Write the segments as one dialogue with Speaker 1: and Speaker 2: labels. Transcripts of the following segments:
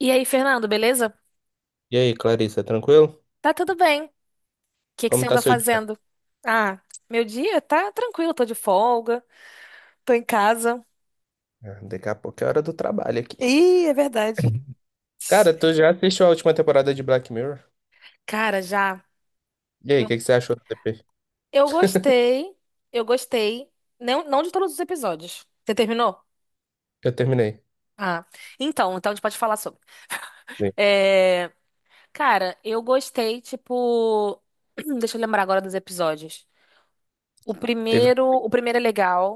Speaker 1: E aí, Fernando, beleza?
Speaker 2: E aí, Clarissa, tranquilo?
Speaker 1: Tá tudo bem. O que que
Speaker 2: Como
Speaker 1: você
Speaker 2: tá
Speaker 1: anda
Speaker 2: seu dia?
Speaker 1: fazendo? Ah, meu dia tá tranquilo, tô de folga, tô em casa.
Speaker 2: Ah, daqui a pouco é hora do trabalho aqui.
Speaker 1: Ih, é verdade.
Speaker 2: Cara, tu já assistiu a última temporada de Black Mirror?
Speaker 1: Cara, já.
Speaker 2: E aí, o
Speaker 1: Eu,
Speaker 2: que que você achou do TP?
Speaker 1: eu gostei, eu gostei. Não, não de todos os episódios. Você terminou?
Speaker 2: Eu terminei.
Speaker 1: Ah, então a gente pode falar sobre.
Speaker 2: Sim.
Speaker 1: É, cara, eu gostei, tipo. Deixa eu lembrar agora dos episódios. O
Speaker 2: Teve.
Speaker 1: primeiro, o primeiro é legal,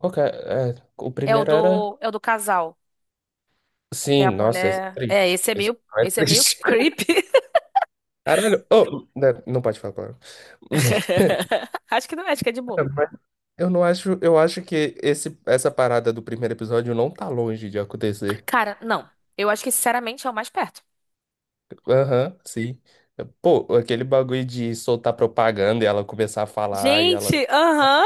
Speaker 2: Qual que é? É, o primeiro era.
Speaker 1: é o do casal. Que a
Speaker 2: Sim, nossa, esse
Speaker 1: mulher.
Speaker 2: é triste.
Speaker 1: É, esse é
Speaker 2: Esse
Speaker 1: meio.
Speaker 2: é
Speaker 1: Esse é meio
Speaker 2: triste.
Speaker 1: creepy.
Speaker 2: Caralho. Oh, né, não pode falar, claro.
Speaker 1: Acho que não é, acho que é de boa.
Speaker 2: Mas eu não acho. Eu acho que esse, essa parada do primeiro episódio não tá longe de acontecer.
Speaker 1: Cara, não. Eu acho que, sinceramente, é o mais perto.
Speaker 2: Aham, sim. Pô, aquele bagulho de soltar propaganda e ela começar a falar e ela.
Speaker 1: Gente, aham.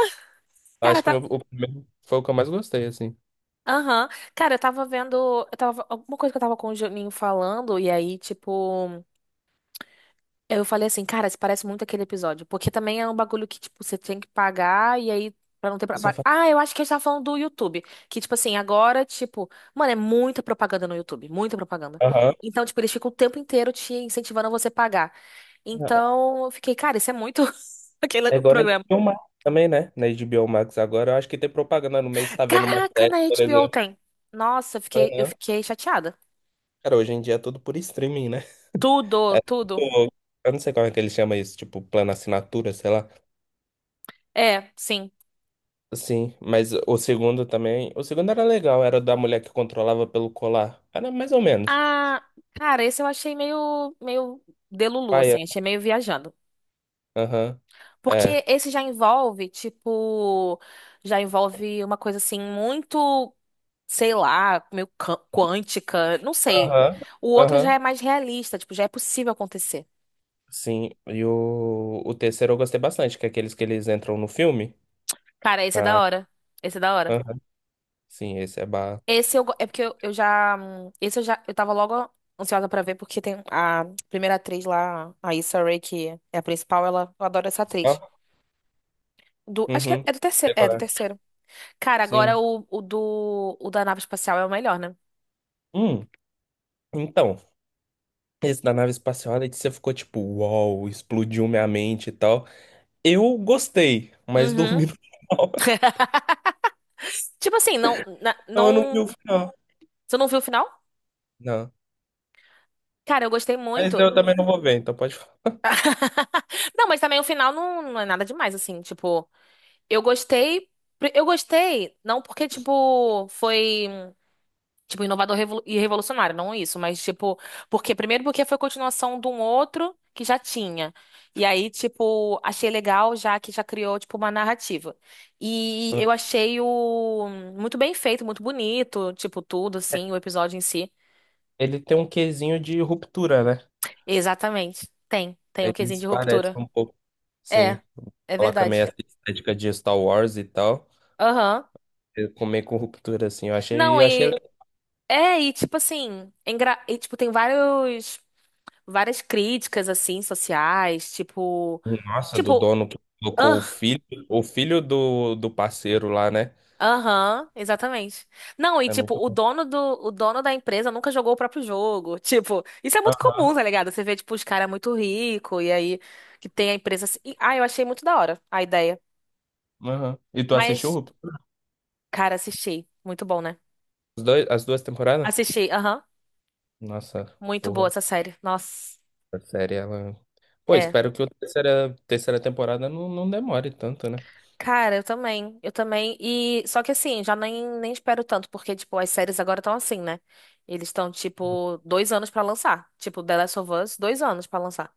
Speaker 1: Cara,
Speaker 2: Acho que
Speaker 1: tá.
Speaker 2: o primeiro foi o que eu mais gostei, assim.
Speaker 1: Aham. Cara, eu tava vendo. Eu tava... Alguma coisa que eu tava com o Juninho falando, e aí, tipo. Eu falei assim, cara, isso parece muito aquele episódio. Porque também é um bagulho que, tipo, você tem que pagar e aí, pra não ter... pra-
Speaker 2: Eu só faz-
Speaker 1: Ah, eu acho que a gente tava falando do YouTube. Que, tipo assim, agora, tipo... Mano, é muita propaganda no YouTube. Muita propaganda.
Speaker 2: Aham.
Speaker 1: Então, tipo, eles ficam o tempo inteiro te incentivando a você pagar. Então, eu fiquei, cara, isso é muito...
Speaker 2: É
Speaker 1: Aquele
Speaker 2: igual na
Speaker 1: programa.
Speaker 2: HBO Max também, né? Na HBO Max agora, eu acho que tem propaganda no mês, tá vendo uma
Speaker 1: Caraca,
Speaker 2: série,
Speaker 1: na
Speaker 2: por
Speaker 1: HBO
Speaker 2: exemplo.
Speaker 1: tem. Nossa, eu
Speaker 2: Aham.
Speaker 1: fiquei chateada.
Speaker 2: Cara, hoje em dia é tudo por streaming, né?
Speaker 1: Tudo, tudo.
Speaker 2: Tipo, eu não sei como é que ele chama isso, tipo, plano assinatura, sei lá.
Speaker 1: É, sim.
Speaker 2: Sim, mas o segundo também. O segundo era legal, era da mulher que controlava pelo colar. Era mais ou menos.
Speaker 1: Ah, cara, esse eu achei meio delulu,
Speaker 2: Paia.
Speaker 1: assim. Achei meio viajando.
Speaker 2: Aham.
Speaker 1: Porque esse já envolve, tipo, já envolve uma coisa assim muito, sei lá, quântica, não sei.
Speaker 2: Aham,
Speaker 1: O outro já
Speaker 2: aham.
Speaker 1: é mais realista, tipo, já é possível acontecer.
Speaker 2: Sim, e o terceiro eu gostei bastante, que é aqueles que eles entram no filme.
Speaker 1: Cara, esse é da
Speaker 2: Ah,
Speaker 1: hora. Esse é da hora.
Speaker 2: aham. Sim, esse é ba...
Speaker 1: Esse eu, go- é porque eu já, eu tava logo ansiosa pra ver porque tem a primeira atriz lá, a Issa Rae, que é a principal, ela, eu adoro essa
Speaker 2: Ó,
Speaker 1: atriz. Do, acho que é,
Speaker 2: uhum. Sei
Speaker 1: é
Speaker 2: qual
Speaker 1: do
Speaker 2: é.
Speaker 1: terceiro. Cara,
Speaker 2: Sim.
Speaker 1: agora o da nave espacial é o melhor, né?
Speaker 2: Hum, então, esse da nave espacial, aí você ficou tipo, uau, explodiu minha mente e tal. Eu gostei, mas
Speaker 1: Uhum.
Speaker 2: dormi no final.
Speaker 1: Tipo assim,
Speaker 2: Então eu não vi
Speaker 1: não.
Speaker 2: o final.
Speaker 1: Você não viu o final?
Speaker 2: Não.
Speaker 1: Cara, eu gostei
Speaker 2: Mas
Speaker 1: muito.
Speaker 2: eu também não vou ver, então pode falar.
Speaker 1: Não, mas também o final não é nada demais, assim. Tipo, eu gostei. Eu gostei, não porque, tipo, foi, tipo, e revolucionário, não isso, mas, tipo, porque, primeiro porque foi continuação de um outro que já tinha. E aí, tipo, achei legal já que já criou, tipo, uma narrativa. E eu achei o muito bem feito, muito bonito, tipo, tudo, assim, o episódio em si.
Speaker 2: Ele tem um quesinho de ruptura, né?
Speaker 1: Exatamente. Tem. Tem o quesinho
Speaker 2: Eles
Speaker 1: de
Speaker 2: parecem
Speaker 1: ruptura.
Speaker 2: um pouco,
Speaker 1: É,
Speaker 2: sim,
Speaker 1: é
Speaker 2: coloca meio
Speaker 1: verdade.
Speaker 2: essa estética de Star Wars e tal.
Speaker 1: Aham.
Speaker 2: Eu comer com ruptura, assim, eu
Speaker 1: Não,
Speaker 2: achei, eu achei legal.
Speaker 1: e tipo assim, é engra... e, tipo, tem vários várias críticas assim sociais, tipo,
Speaker 2: Nossa, do
Speaker 1: tipo,
Speaker 2: dono que colocou
Speaker 1: ah,
Speaker 2: o filho do parceiro lá, né?
Speaker 1: aham, exatamente. Não, e
Speaker 2: É
Speaker 1: tipo,
Speaker 2: muito bom.
Speaker 1: o dono da empresa nunca jogou o próprio jogo. Tipo, isso é muito comum,
Speaker 2: Aham,
Speaker 1: tá ligado? Você vê tipo os caras muito rico e aí que tem a empresa assim. E, ah, eu achei muito da hora a ideia.
Speaker 2: aham. E tu assistiu
Speaker 1: Mas,
Speaker 2: Ruptura?
Speaker 1: cara, assisti. Muito bom, né?
Speaker 2: Os dois, as duas temporadas?
Speaker 1: Assisti, aham.
Speaker 2: Nossa,
Speaker 1: Muito boa
Speaker 2: porra,
Speaker 1: essa série. Nossa.
Speaker 2: a série, ela... Pô,
Speaker 1: É.
Speaker 2: espero que a terceira temporada não demore tanto, né?
Speaker 1: Cara, eu também. Eu também. E só que assim, já nem espero tanto, porque, tipo, as séries agora estão assim, né? Eles estão, tipo, dois anos pra lançar. Tipo, The Last of Us, dois anos pra lançar.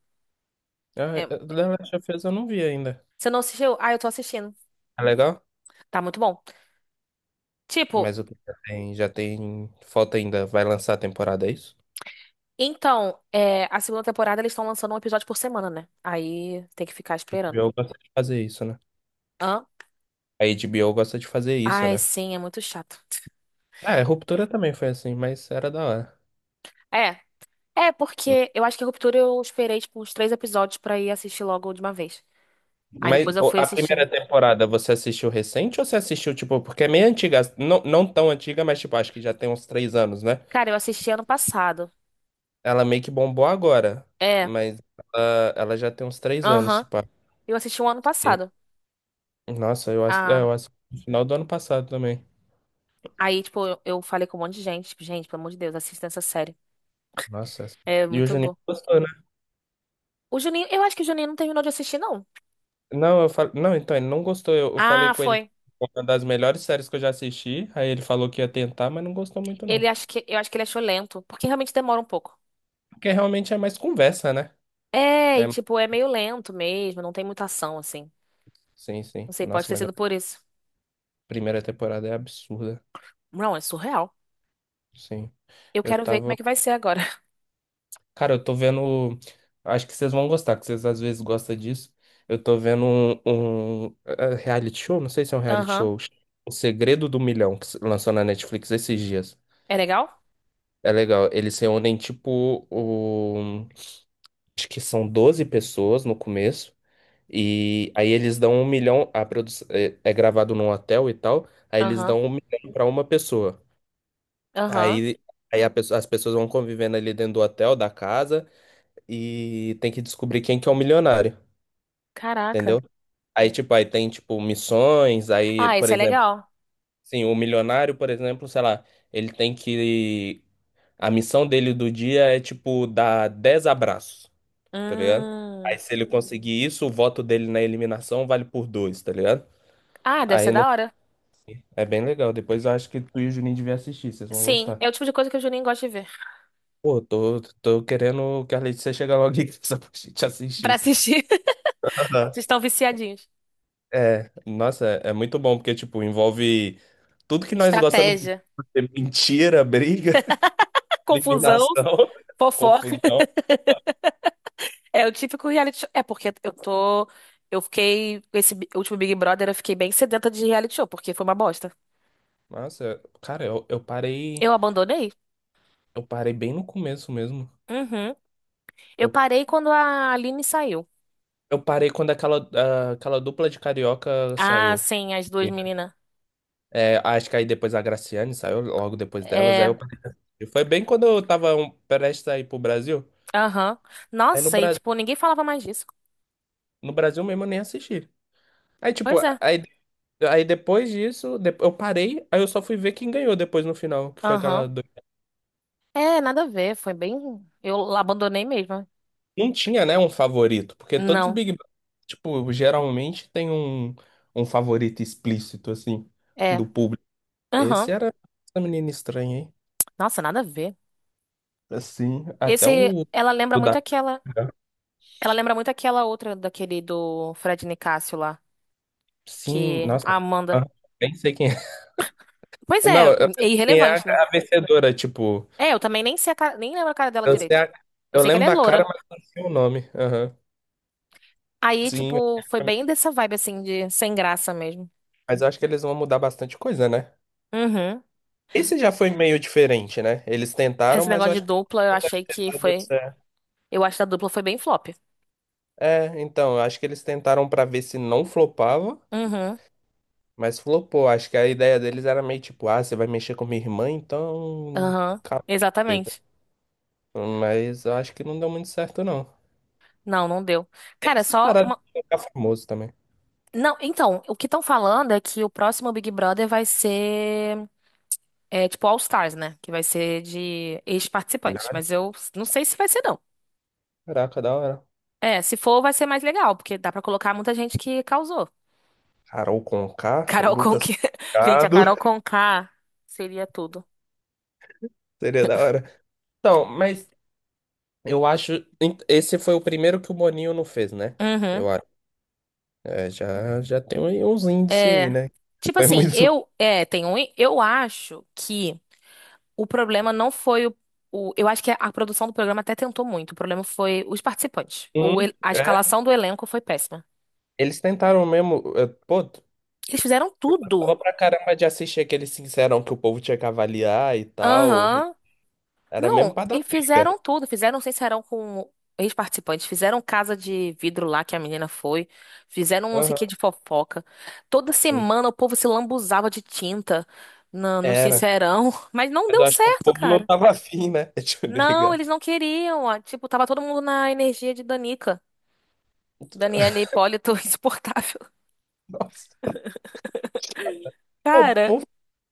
Speaker 2: Ah,
Speaker 1: É.
Speaker 2: The Last of Us eu não vi ainda.
Speaker 1: Você não assistiu? Ah, eu tô assistindo.
Speaker 2: É legal?
Speaker 1: Tá muito bom. Tipo,
Speaker 2: Mas o que já tem, já tem. Falta ainda. Vai lançar a temporada, é isso?
Speaker 1: então, é, a segunda temporada eles estão lançando um episódio por semana, né? Aí tem que ficar
Speaker 2: A
Speaker 1: esperando.
Speaker 2: HBO gosta de fazer isso, né?
Speaker 1: Hã?
Speaker 2: A HBO gosta de fazer isso,
Speaker 1: Ai,
Speaker 2: né?
Speaker 1: sim, é muito chato.
Speaker 2: Ah, é, Ruptura também foi assim, mas era da hora.
Speaker 1: É. É, porque eu acho que a Ruptura eu esperei, tipo, uns três episódios pra ir assistir logo de uma vez. Aí depois
Speaker 2: Mas
Speaker 1: eu
Speaker 2: ô,
Speaker 1: fui
Speaker 2: a
Speaker 1: assistindo.
Speaker 2: primeira temporada você assistiu recente ou você assistiu, tipo, porque é meio antiga, não, não tão antiga, mas tipo, acho que já tem uns 3 anos, né?
Speaker 1: Cara, eu assisti ano passado.
Speaker 2: Ela meio que bombou agora,
Speaker 1: É,
Speaker 2: mas ela já tem uns 3 anos,
Speaker 1: aham.
Speaker 2: se pá.
Speaker 1: Eu assisti um ano passado.
Speaker 2: Nossa, eu acho, é,
Speaker 1: Ah,
Speaker 2: eu acho no final do ano passado também.
Speaker 1: aí, tipo, eu falei com um monte de gente. Tipo, gente, pelo amor de Deus, assista essa série.
Speaker 2: Nossa, essa-
Speaker 1: É
Speaker 2: e o
Speaker 1: muito
Speaker 2: Juninho
Speaker 1: bom.
Speaker 2: gostou, né?
Speaker 1: O Juninho, eu acho que o Juninho não terminou de assistir, não.
Speaker 2: Não, eu fal... não, então ele não gostou. Eu falei
Speaker 1: Ah,
Speaker 2: com ele que
Speaker 1: foi.
Speaker 2: foi uma das melhores séries que eu já assisti. Aí ele falou que ia tentar, mas não gostou muito, não.
Speaker 1: Eu acho que ele achou lento, porque realmente demora um pouco.
Speaker 2: Porque realmente é mais conversa, né?
Speaker 1: É, e
Speaker 2: É...
Speaker 1: tipo, é meio lento mesmo, não tem muita ação, assim.
Speaker 2: Sim, sim.
Speaker 1: Não sei, pode
Speaker 2: Nossa,
Speaker 1: ter
Speaker 2: mas a
Speaker 1: sido por isso.
Speaker 2: primeira temporada é absurda.
Speaker 1: Não, é surreal.
Speaker 2: Sim.
Speaker 1: Eu
Speaker 2: Eu
Speaker 1: quero ver como é
Speaker 2: tava.
Speaker 1: que vai ser agora.
Speaker 2: Cara, eu tô vendo. Acho que vocês vão gostar, que vocês às vezes gostam disso. Eu tô vendo um reality show, não sei se é um reality
Speaker 1: Aham.
Speaker 2: show. O Segredo do Milhão, que se lançou na Netflix esses dias.
Speaker 1: É legal?
Speaker 2: É legal. Eles reúnem, tipo, o. Acho que são 12 pessoas no começo, e aí eles dão um milhão, a produção é gravado num hotel e tal, aí eles
Speaker 1: Aham.
Speaker 2: dão um milhão pra uma pessoa.
Speaker 1: Aham.
Speaker 2: Aí, aí a pessoa- as pessoas vão convivendo ali dentro do hotel, da casa, e tem que descobrir quem que é o milionário,
Speaker 1: Caraca.
Speaker 2: entendeu? Aí, tipo, aí tem, tipo, missões, aí,
Speaker 1: Ah,
Speaker 2: por
Speaker 1: esse é
Speaker 2: exemplo,
Speaker 1: legal.
Speaker 2: sim, o milionário, por exemplo, sei lá, ele tem que... A missão dele do dia é, tipo, dar 10 abraços. Tá ligado?
Speaker 1: Hum.
Speaker 2: Aí se ele conseguir isso, o voto dele na eliminação vale por dois, tá ligado?
Speaker 1: Ah, deve ser
Speaker 2: Aí não...
Speaker 1: da hora.
Speaker 2: É bem legal. Depois eu acho que tu e o Juninho deviam assistir, vocês vão
Speaker 1: Sim,
Speaker 2: gostar.
Speaker 1: é o tipo de coisa que o Juninho gosta de ver.
Speaker 2: Pô, tô querendo que a Letícia chegue logo aqui só pra gente
Speaker 1: Pra
Speaker 2: assistir.
Speaker 1: assistir,
Speaker 2: Aham.
Speaker 1: vocês estão viciadinhos.
Speaker 2: É, nossa, é muito bom, porque, tipo, envolve tudo que nós gostamos de
Speaker 1: Estratégia,
Speaker 2: ver. Mentira, briga,
Speaker 1: confusão,
Speaker 2: eliminação,
Speaker 1: fofoca.
Speaker 2: confusão.
Speaker 1: É o típico reality show. É porque eu tô. Eu fiquei. Último Big Brother, eu fiquei bem sedenta de reality show, porque foi uma bosta.
Speaker 2: Nossa, cara, eu, eu parei,
Speaker 1: Eu abandonei.
Speaker 2: eu parei bem no começo mesmo.
Speaker 1: Uhum. Eu
Speaker 2: Eu,
Speaker 1: parei quando a Aline saiu.
Speaker 2: eu parei quando aquela dupla de carioca
Speaker 1: Ah,
Speaker 2: saiu.
Speaker 1: sim, as duas meninas.
Speaker 2: É, acho que aí depois a Graciane saiu logo depois delas. Aí eu
Speaker 1: É,
Speaker 2: perdi. Foi bem quando eu tava prestes a ir pro Brasil.
Speaker 1: aham.
Speaker 2: Aí
Speaker 1: Nossa, e tipo, ninguém falava mais disso.
Speaker 2: No Brasil mesmo eu nem assisti. Aí, tipo,
Speaker 1: Pois é.
Speaker 2: aí depois disso, eu parei, aí eu só fui ver quem ganhou depois no final, que foi
Speaker 1: Aham.
Speaker 2: aquela. Do-
Speaker 1: É, nada a ver, foi bem. Eu abandonei mesmo.
Speaker 2: Não tinha, né, um favorito, porque todos os
Speaker 1: Não.
Speaker 2: Big Brother, tipo, geralmente tem um favorito explícito, assim,
Speaker 1: É.
Speaker 2: do público. Esse
Speaker 1: Aham.
Speaker 2: era essa menina estranha, hein?
Speaker 1: Nossa, nada a ver.
Speaker 2: Assim, até
Speaker 1: Esse,
Speaker 2: o. O da-
Speaker 1: ela lembra muito aquela outra daquele do Fred Nicásio lá,
Speaker 2: Sim,
Speaker 1: que
Speaker 2: nossa.
Speaker 1: a Amanda.
Speaker 2: Aham. Nem sei quem.
Speaker 1: Pois é,
Speaker 2: Não, eu
Speaker 1: é
Speaker 2: lembro quem é a,
Speaker 1: irrelevante, né?
Speaker 2: a vencedora, tipo,
Speaker 1: É, eu também nem sei a cara, nem lembro a cara dela
Speaker 2: eu sei
Speaker 1: direito.
Speaker 2: a-
Speaker 1: Eu
Speaker 2: eu
Speaker 1: sei que ela
Speaker 2: lembro
Speaker 1: é
Speaker 2: da cara,
Speaker 1: loura.
Speaker 2: mas não sei o nome. Aham.
Speaker 1: Aí,
Speaker 2: Sim,
Speaker 1: tipo, foi bem dessa vibe assim de sem graça mesmo.
Speaker 2: mas eu acho que eles vão mudar bastante coisa, né?
Speaker 1: Uhum.
Speaker 2: Esse já foi meio diferente, né? Eles tentaram,
Speaker 1: Esse
Speaker 2: mas eu
Speaker 1: negócio de
Speaker 2: acho que
Speaker 1: dupla,
Speaker 2: tá dando certo.
Speaker 1: eu acho que a dupla foi bem flop.
Speaker 2: É, então, eu acho que eles tentaram pra ver se não flopava,
Speaker 1: Uhum.
Speaker 2: mas flopou. Acho que a ideia deles era meio tipo, ah, você vai mexer com minha irmã, então.
Speaker 1: Aham.
Speaker 2: Treta.
Speaker 1: Exatamente.
Speaker 2: Mas eu acho que não deu muito certo, não.
Speaker 1: Não, não deu. Cara,
Speaker 2: Essas
Speaker 1: só
Speaker 2: paradas
Speaker 1: uma-
Speaker 2: de ficar famoso também.
Speaker 1: Não, então, o que estão falando é que o próximo Big Brother vai ser, é, tipo All Stars, né? Que vai ser de ex-participantes. Mas eu não sei se vai ser, não.
Speaker 2: Caraca, da hora.
Speaker 1: É, se for, vai ser mais legal, porque dá pra colocar muita gente que causou.
Speaker 2: Carol Conká,
Speaker 1: Carol Conká.
Speaker 2: Lucas
Speaker 1: Gente, a
Speaker 2: Penteado,
Speaker 1: Carol Conká seria tudo.
Speaker 2: seria da hora. Então, mas eu acho. Esse foi o primeiro que o Boninho não fez, né?
Speaker 1: Uhum.
Speaker 2: Eu acho. É, já tem aí uns índices aí,
Speaker 1: É,
Speaker 2: né?
Speaker 1: tipo
Speaker 2: Foi
Speaker 1: assim,
Speaker 2: muito
Speaker 1: eu é, tem um, eu acho que o problema não foi o- eu acho que a produção do programa até tentou muito. O problema foi os participantes.
Speaker 2: ruim,
Speaker 1: A
Speaker 2: é.
Speaker 1: escalação do elenco foi péssima.
Speaker 2: Eles tentaram mesmo. É, pô,
Speaker 1: Eles fizeram tudo.
Speaker 2: tava pra caramba de assistir aquele Sincerão que o povo tinha que avaliar e tal.
Speaker 1: Aham.
Speaker 2: Era mesmo
Speaker 1: Não,
Speaker 2: pra dar
Speaker 1: e
Speaker 2: briga.
Speaker 1: fizeram tudo. Fizeram um sincerão com ex-participantes. Fizeram casa de vidro lá que a menina foi. Fizeram um não sei o
Speaker 2: Aham,
Speaker 1: que de fofoca. Toda
Speaker 2: sim.
Speaker 1: semana o povo se lambuzava de tinta no
Speaker 2: Era.
Speaker 1: sincerão. Mas não
Speaker 2: Mas eu
Speaker 1: deu
Speaker 2: acho que o
Speaker 1: certo,
Speaker 2: povo não
Speaker 1: cara.
Speaker 2: tava afim, né? Deixa eu
Speaker 1: Não,
Speaker 2: brigar.
Speaker 1: eles não queriam. Ó. Tipo, tava todo mundo na energia de Danica. Daniela Hipólito, insuportável.
Speaker 2: Nossa. Pô,
Speaker 1: Cara,
Speaker 2: por,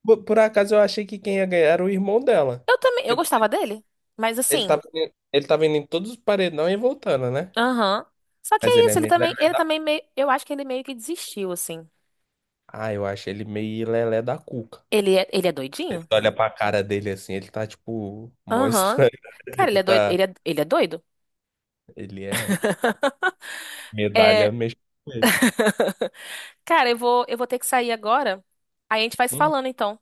Speaker 2: por por acaso eu achei que quem ia ganhar era o irmão dela.
Speaker 1: eu também. Eu
Speaker 2: Porque
Speaker 1: gostava dele. Mas assim.
Speaker 2: ele tava indo em todos os paredões e voltando, né?
Speaker 1: Aham. Só que
Speaker 2: Mas
Speaker 1: é
Speaker 2: ele é
Speaker 1: isso,
Speaker 2: meio lelé.
Speaker 1: ele também meio, eu acho que ele meio que desistiu, assim.
Speaker 2: Ah, eu acho ele meio lelé da cuca.
Speaker 1: Ele é
Speaker 2: Você
Speaker 1: doidinho?
Speaker 2: olha pra cara dele assim, ele tá tipo. Mó
Speaker 1: Aham.
Speaker 2: estranho.
Speaker 1: Cara,
Speaker 2: Tipo,
Speaker 1: ele é doido,
Speaker 2: tá.
Speaker 1: ele é doido?
Speaker 2: Ele é
Speaker 1: É.
Speaker 2: medalha mesmo. Com ele.
Speaker 1: Cara, eu vou ter que sair agora. Aí a gente vai se
Speaker 2: Uhum.
Speaker 1: falando, então.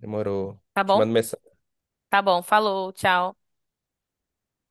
Speaker 2: Demorou.
Speaker 1: Tá
Speaker 2: Te
Speaker 1: bom?
Speaker 2: mando mensagem.
Speaker 1: Tá bom, falou, tchau.